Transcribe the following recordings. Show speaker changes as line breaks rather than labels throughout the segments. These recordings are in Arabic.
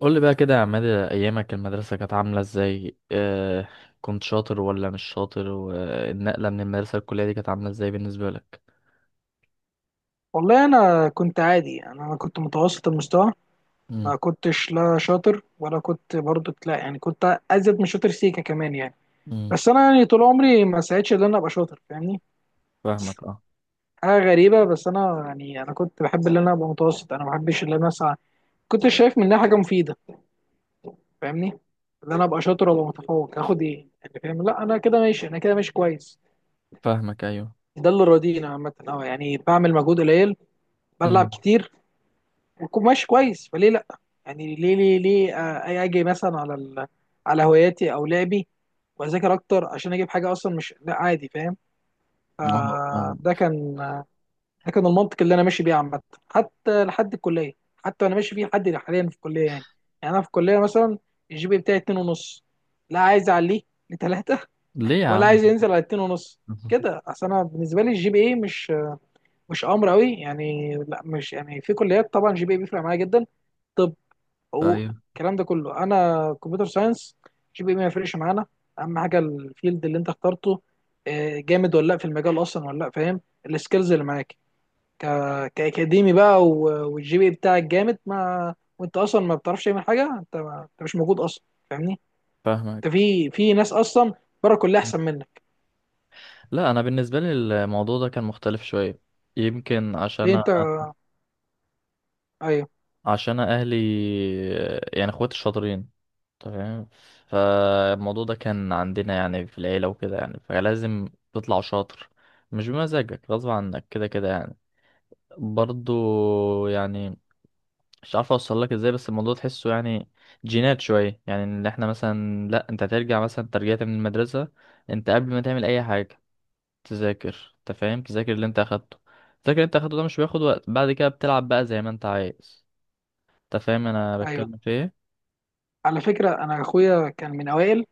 قول لي بقى كده يا عماد، ايامك المدرسه كانت عامله ازاي؟ كنت شاطر ولا مش شاطر؟ والنقله من المدرسه للكليه دي كانت عامله ازاي بالنسبه لك؟
والله انا كنت عادي، أنا كنت متوسط المستوى.
امم.
ما كنتش لا شاطر ولا كنت برضو، لا يعني، كنت ازيد من شاطر سيكا كمان يعني.
امم.
بس انا يعني، طول عمري ما سعيتش ان انا ابقى شاطر، فاهمني؟
فاهمك، اه.
حاجه غريبه. بس انا يعني، كنت بحب ان انا ابقى متوسط، انا ما بحبش ان انا اسعى. كنت شايف منها حاجه مفيده؟ فاهمني؟ ان انا ابقى شاطر ولا متفوق، هاخد ايه يعني؟ فاهم؟ لا، انا كده ماشي كويس.
فاهمك، ايوه.
ده اللي راضينا عامه. اه، يعني بعمل مجهود قليل، بلعب
امم.
كتير، ويكون ماشي كويس، فليه لا؟ يعني ليه؟ اجي مثلا على على هواياتي او لعبي، واذاكر اكتر عشان اجيب حاجه؟ اصلا مش، لا، عادي. فاهم؟
اه،
آه
فاهمك.
ده كان ده كان المنطق اللي انا ماشي بيه عامه، حتى لحد الكليه. حتى انا ماشي بيه لحد حاليا في الكليه يعني. يعني انا في الكليه مثلا، الجي بي بتاعي اتنين ونص، لا عايز اعليه لتلاتة،
ليه يا
ولا
عم؟
عايز ينزل على اتنين ونص. كده اصل انا بالنسبه لي الجي بي اي مش امر قوي يعني. لا، مش يعني، في كليات طبعا جي بي اي بيفرق معايا جدا. طب حقوق
ايوه،
الكلام ده كله، انا كمبيوتر ساينس، جي بي إيه ما يفرقش معانا. اهم حاجه الفيلد اللي انت اخترته، جامد ولا لا في المجال اصلا ولا لا، فاهم؟ السكيلز اللي معاك. ك... كاكاديمي بقى والجي بي إيه بتاعك جامد ما، وانت اصلا ما بتعرفش تعمل حاجه، انت مش موجود اصلا. فاهمني؟
فاهمك.
انت في ناس اصلا بره كلها احسن منك.
لا، انا بالنسبه لي الموضوع ده كان مختلف شويه. يمكن
ليه
عشان
انت؟ ايوه،
عشان اهلي، يعني اخواتي الشاطرين، تمام. فالموضوع ده كان عندنا يعني في العيلة وكده، يعني فلازم تطلع شاطر، مش بمزاجك، غصب عنك كده كده يعني. برضو يعني مش عارف اوصل لك ازاي، بس الموضوع تحسه، يعني جينات شوية. يعني ان احنا مثلا، لا انت هترجع مثلا، ترجعت من المدرسة، انت قبل ما تعمل اي حاجة تذاكر، انت فاهم؟ تذاكر اللي انت اخدته، تذاكر اللي انت اخدته ده مش بياخد وقت، بعد كده بتلعب بقى زي ما انت عايز. انت فاهم انا
ايوه.
بتكلم في ايه؟
على فكره انا اخويا كان من اوائل.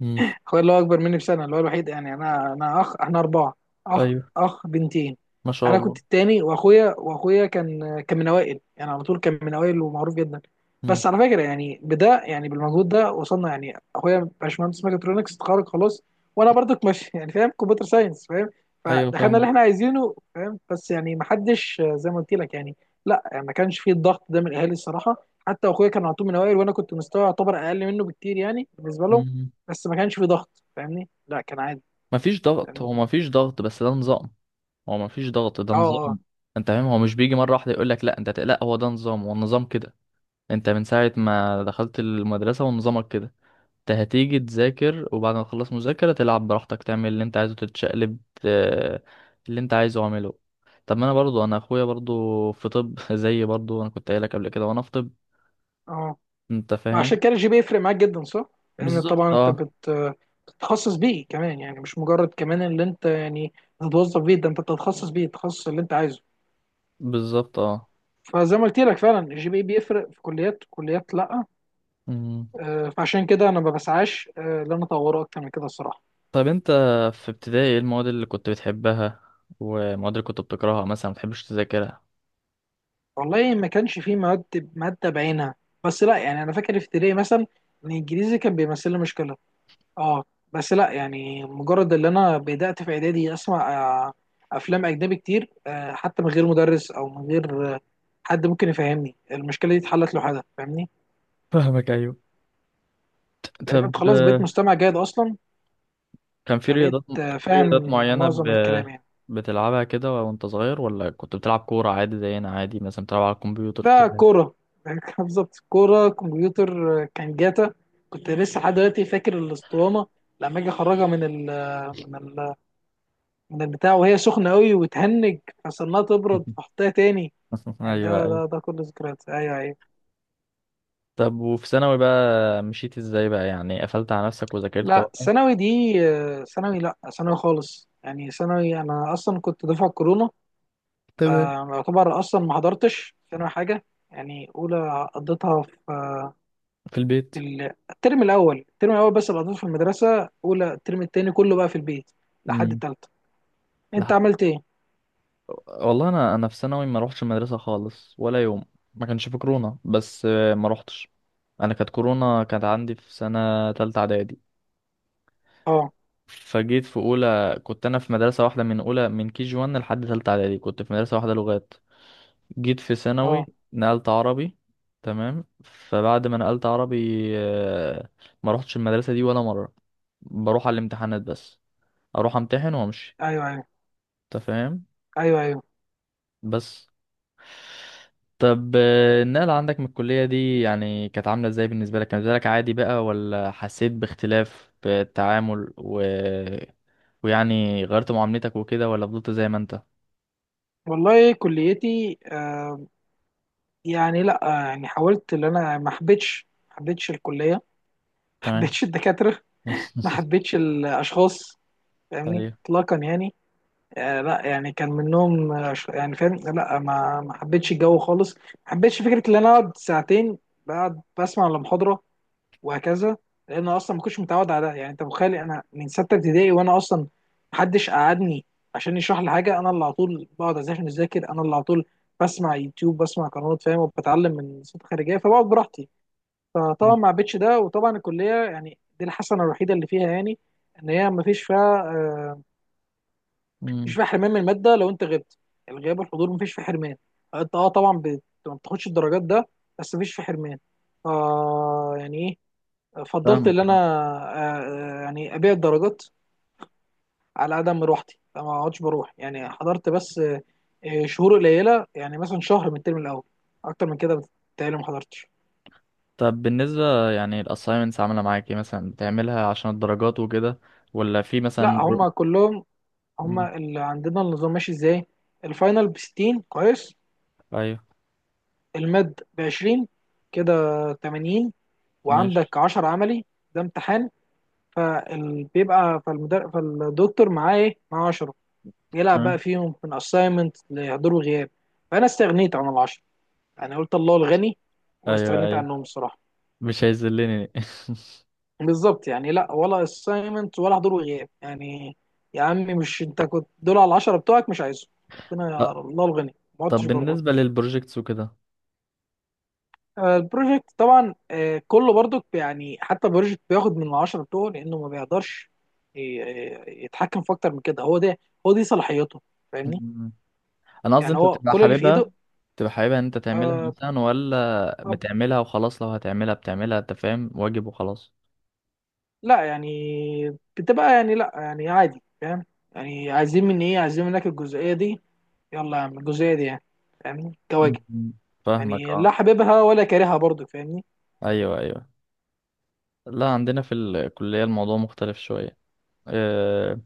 مم.
اخويا اللي هو اكبر مني بسنه، اللي هو الوحيد يعني. انا اخ، احنا اربعه، اخ
ايوه.
اخ بنتين.
ما شاء
انا
الله.
كنت التاني، واخويا كان من اوائل يعني، على طول كان من اوائل ومعروف جدا.
مم.
بس على فكره يعني، بده يعني بالمجهود ده وصلنا يعني. اخويا باشمهندس ميكاترونكس، اتخرج خلاص. وانا برضك ماشي يعني فاهم، كمبيوتر ساينس، فاهم.
ايوه،
فدخلنا
فاهمك.
اللي احنا عايزينه، فاهم. بس يعني ما حدش زي ما قلت لك يعني. لا يعني، ما كانش فيه الضغط ده من الاهالي الصراحه. حتى اخويا كان على طول من اوائل، وانا كنت مستوى يعتبر اقل منه بكتير، يعني بالنسبه لهم.
مم.
بس ما كانش في ضغط، فاهمني. لا، كان عادي.
مفيش ضغط،
فاهمني.
هو مفيش ضغط بس ده نظام. هو مفيش ضغط، ده
اه، اه،
نظام. انت فاهم؟ هو مش بيجي مرة واحدة يقول لك لا انت لا، هو ده نظام، هو النظام كده. انت من ساعة ما دخلت المدرسة ونظامك كده. انت هتيجي تذاكر وبعد ما تخلص مذاكرة تلعب براحتك، تعمل اللي انت عايزه، تتشقلب، اللي انت عايزه اعمله. طب ما انا برضو، انا اخويا برضو في طب، زي، برضو انا كنت قايلك قبل كده وانا في طب.
اه.
انت فاهم؟
عشان كده الجي بي يفرق معاك جدا، صح؟ لان
بالظبط،
طبعا انت
اه.
بت بتتخصص بيه كمان يعني، مش مجرد كمان اللي انت يعني بتتوظف بيه، ده انت بتتخصص بيه التخصص اللي انت عايزه.
بالظبط، اه.
فزي ما قلت لك، فعلا الجي بي بيفرق في كليات، كليات لا.
مم.
فعشان كده انا ما بسعاش ان انا اطوره اكتر من كده الصراحه.
طيب انت في ابتدائي ايه المواد اللي كنت بتحبها والمواد اللي كنت بتكرهها مثلا ما بتحبش تذاكرها؟
والله ما كانش فيه مواد، ماده بعينها. بس لا يعني، انا فاكر في ابتدائي مثلا، ان الانجليزي كان بيمثل لي مشكله. اه. بس لا يعني، مجرد اللي انا بدأت في اعدادي اسمع آه، افلام اجنبي كتير، حتى من غير مدرس او من غير حد ممكن يفهمني، المشكله دي اتحلت لوحدها، فاهمني؟
فاهمك، ايوه.
لان
طب،
انت خلاص بقيت مستمع جيد اصلا.
كان في
فبقيت
رياضات في رياضات
فاهم
معينة
معظم الكلام يعني.
بتلعبها كده وانت صغير؟ ولا كنت بتلعب كورة عادي زينا، عادي مثلا بتلعب على الكمبيوتر
ده
كده؟
كوره بالظبط، كوره كمبيوتر. كان جاتا. كنت لسه لحد دلوقتي فاكر الاسطوانه، لما اجي اخرجها من من ال من البتاع وهي سخنه قوي وتهنج، فصرناها تبرد فاحطها تاني. يعني
ايوه، ايوه.
ده كل ذكريات. ايوه، ايوه.
طب وفي ثانوي بقى مشيت ازاي بقى؟ يعني قفلت على نفسك وذاكرت
لا،
بقى؟
ثانوي دي ثانوي، لا ثانوي خالص يعني. ثانوي انا اصلا كنت دفعه كورونا،
تمام.
فيعتبر اصلا ما حضرتش ثانوي حاجه يعني. اولى قضيتها في
في البيت.
الترم الاول، بس اللي قضيته في المدرسه اولى. الترم التاني كله بقى في البيت لحد
امم.
التالتة. انت عملت ايه؟
والله انا في ثانوي ما روحتش المدرسه خالص ولا يوم. ما كانش في كورونا بس ما روحتش. انا كانت كورونا كانت عندي في سنه تالتة اعدادي.
اه،
فجيت في اولى كنت انا في مدرسه واحده، من اولى من كي جي 1 لحد تالتة اعدادي كنت في مدرسه واحده لغات. جيت في ثانوي
اه.
نقلت عربي. تمام. فبعد ما نقلت عربي، آه، ما روحتش المدرسه دي ولا مره، بروح على الامتحانات بس، اروح امتحن وامشي.
ايوه، ايوه.
انت فاهم؟
ايوه، ايوه.
بس. طب، النقلة عندك من الكلية دي يعني كانت عاملة ازاي بالنسبة لك؟ كان بالنسبة لك عادي بقى ولا حسيت باختلاف في التعامل ويعني غيرت معاملتك وكده ولا فضلت زي ما انت؟
والله كليتي، آه، يعني لا، يعني حاولت. ان انا ما حبيتش الكليه، ما
تمام.
حبيتش الدكاتره، ما حبيتش الاشخاص، فاهمني
ايوه.
اطلاقا يعني. آه، لا يعني كان منهم يعني فاهم. لا ما حبيتش الجو خالص. ما حبيتش فكره ان انا اقعد ساعتين، بقعد بسمع المحاضره، وهكذا. لان أنا اصلا ما كنتش متعود على ده. يعني انت متخيل، انا من سته ابتدائي وانا اصلا ما حدش قعدني عشان يشرح لي حاجه. انا اللي على طول بقعد عشان اذاكر، انا اللي على طول بسمع يوتيوب، بسمع قنوات، فاهم، وبتعلم من صوت خارجيه، فبقعد براحتي. فطبعا ما عبيتش ده. وطبعا الكليه، يعني دي الحسنه الوحيده اللي فيها يعني، ان هي ما فيش فيها مفيش
أمم،
فيها حرمان من الماده لو انت غبت. الغياب والحضور ما فيش فيه حرمان. انت اه طبعا ما بتاخدش الدرجات ده، بس ما فيش فيه حرمان. آه يعني ايه. فضلت ان
فاهمك
انا
اه.
يعني ابيع الدرجات على عدم مروحتي، ما اقعدش بروح. يعني حضرت بس شهور قليله، يعني مثلا شهر من الترم الاول. اكتر من كده بتهيألي ما حضرتش.
طب بالنسبة يعني الأسايمنتس عاملة معاك ايه؟ مثلا بتعملها عشان الدرجات وكده ولا في مثلا
لا، هم كلهم،
أمم،
هما اللي عندنا النظام ماشي ازاي: الفاينل ب 60 كويس،
ايوه،
الماد ب 20، كده 80،
ماشي.
وعندك 10 عملي. ده امتحان. فبيبقى فالدكتور معاه ايه؟ معاه 10، بيلعب بقى
تمام.
فيهم من اساينمنت لحضور وغياب. فانا استغنيت عن ال 10، يعني قلت الله الغني،
ايوه،
واستغنيت
ايوه.
عنهم الصراحه.
مش هيذلني.
بالظبط يعني. لا ولا اساينمنت ولا حضور وغياب يعني. يا عمي، مش انت كنت دول؟ على ال 10 بتوعك مش عايزهم، ربنا يا
ط-
الله الغني، ما
طب
عدتش بره.
بالنسبة للبروجيكتس
البروجكت طبعا كله برضو يعني. حتى البروجكت بياخد من العشرة بتوعه، لأنه ما بيقدرش يتحكم في أكتر من كده. هو ده، هو دي صلاحيته. فاهمني.
وكده. انا قصدي
يعني
انت
هو
بتبقى
كل اللي في إيده.
حاببها؟ بتبقى حاببها ان انت تعملها
آه،
مثلا، ولا
طب
بتعملها وخلاص؟ لو هتعملها بتعملها انت فاهم، واجب وخلاص.
لا يعني بتبقى يعني، لا يعني عادي، فاهم. يعني عايزين مني إيه؟ عايزين منك الجزئية دي، يلا يا عم الجزئية دي يعني، فاهمني كواجب.
مم. فاهمك،
يعني
اه.
لا حاببها ولا كارهها برضو، فاهمني.
ايوه، ايوه. لا، عندنا في الكلية الموضوع مختلف شوية. آه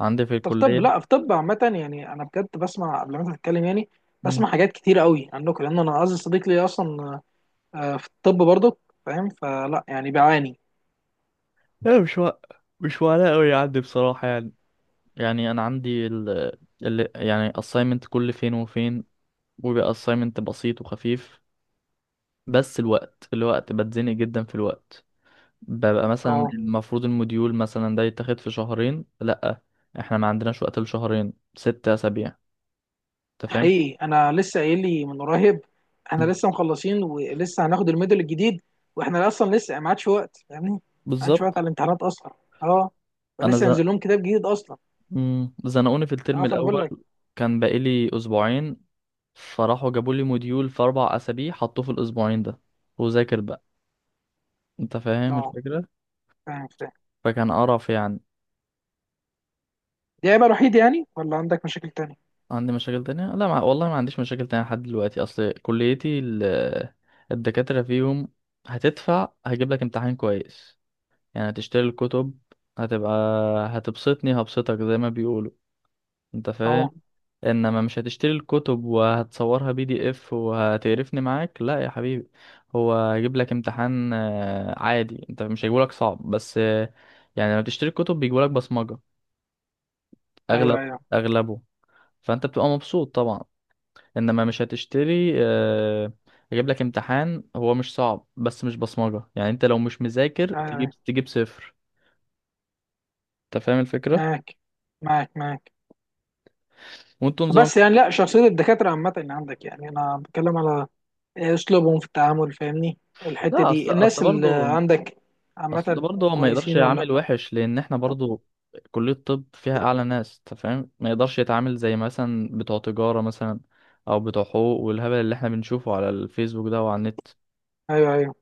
عندي في
طب
الكلية.
طب لا، في طب عامة يعني، أنا بجد بسمع قبل ما أنت تتكلم يعني،
مم.
بسمع حاجات كتير قوي عنكم، لأن أنا أعز صديق لي أصلا في الطب برضه، فاهم، فلا يعني بعاني.
لا، مش وقلق قوي عندي بصراحة يعني. يعني انا عندي يعني assignment كل فين وفين، وبيبقى assignment بسيط وخفيف. بس الوقت بتزنق جدا في الوقت. ببقى مثلا
أه،
المفروض الموديول مثلا ده يتاخد في شهرين، لأ احنا ما عندناش وقت لشهرين، ست أسابيع. انت فاهم؟
حقيقي أنا لسه قايل لي من قريب، إحنا
مم.
لسه مخلصين ولسه هناخد الميدل الجديد. وإحنا أصلا لسه ما عادش وقت، فاهمني، ما عادش وقت
بالظبط.
على الامتحانات أصلا. أه،
انا
فلسه
زن...
ينزل لهم كتاب جديد أصلا.
مم. زنقوني في الترم
أه، فأنا بقول
الأول،
لك.
كان بقالي أسبوعين فراحوا جابوا لي موديول في أربع أسابيع حطوه في الأسبوعين ده وذاكر بقى. انت فاهم
أه،
الفكرة؟
فاهم فاهم.
فكان قرف يعني.
دي عيبة الوحيدة يعني، ولا عندك مشاكل تانية؟
عندي مشاكل تانية؟ لا، والله ما عنديش مشاكل تانية لحد دلوقتي. أصل كليتي الدكاترة فيهم هتدفع هجيب لك امتحان كويس، يعني تشتري الكتب. هتبقى هتبسطني هبسطك زي ما بيقولوا. انت فاهم؟
أه،
انما مش هتشتري الكتب وهتصورها بي دي اف وهتقرفني معاك، لا يا حبيبي. هو هيجيب لك امتحان عادي، انت مش هيجيبولك صعب، بس يعني لما تشتري الكتب بيجيبولك بصمجة اغلب
أيوه أيوه.
اغلبه. فانت بتبقى مبسوط طبعا. انما مش هتشتري، هيجيب لك امتحان هو مش صعب بس مش بصمجة، يعني انت لو مش مذاكر
أيوه
تجيب
أيوه.
صفر. انت فاهم الفكرة؟
معاك، معاك معاك.
وانتوا نظام.
بس يعني لا، شخصية الدكاترة عامة اللي عندك، يعني أنا بتكلم على أسلوبهم في التعامل، فاهمني. الحتة
لا،
دي،
اصل،
الناس اللي
برضه،
عندك
اصل
عامة
برضه هو ما يقدرش
كويسين ولا لأ؟
يعامل وحش، لان احنا برضه كلية طب فيها اعلى ناس، انت فاهم؟ ما يقدرش يتعامل زي مثلا بتوع تجارة مثلا او بتوع حقوق، والهبل اللي احنا بنشوفه على الفيسبوك ده وعلى النت.
أيوه أيوه.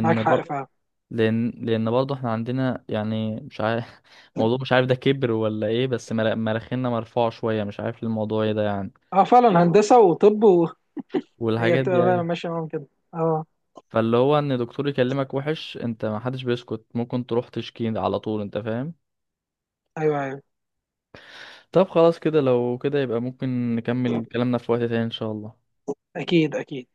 معاك
بر...
حق فعلا.
لان برضه احنا عندنا يعني مش عارف موضوع، مش عارف ده كبر ولا ايه، بس مراخيننا مرفوعة شوية، مش عارف الموضوع ايه ده يعني.
أه، فعلا هندسة وطب وهي
والحاجات
بتبقى
دي
فعلا
ايوه.
ماشية معاهم كده. أه،
فاللي هو ان دكتور يكلمك وحش انت ما حدش بيسكت، ممكن تروح تشكي على طول. انت فاهم؟
أيوه أيوه.
طب خلاص كده، لو كده يبقى ممكن نكمل كلامنا في وقت تاني ان شاء الله.
أكيد أكيد.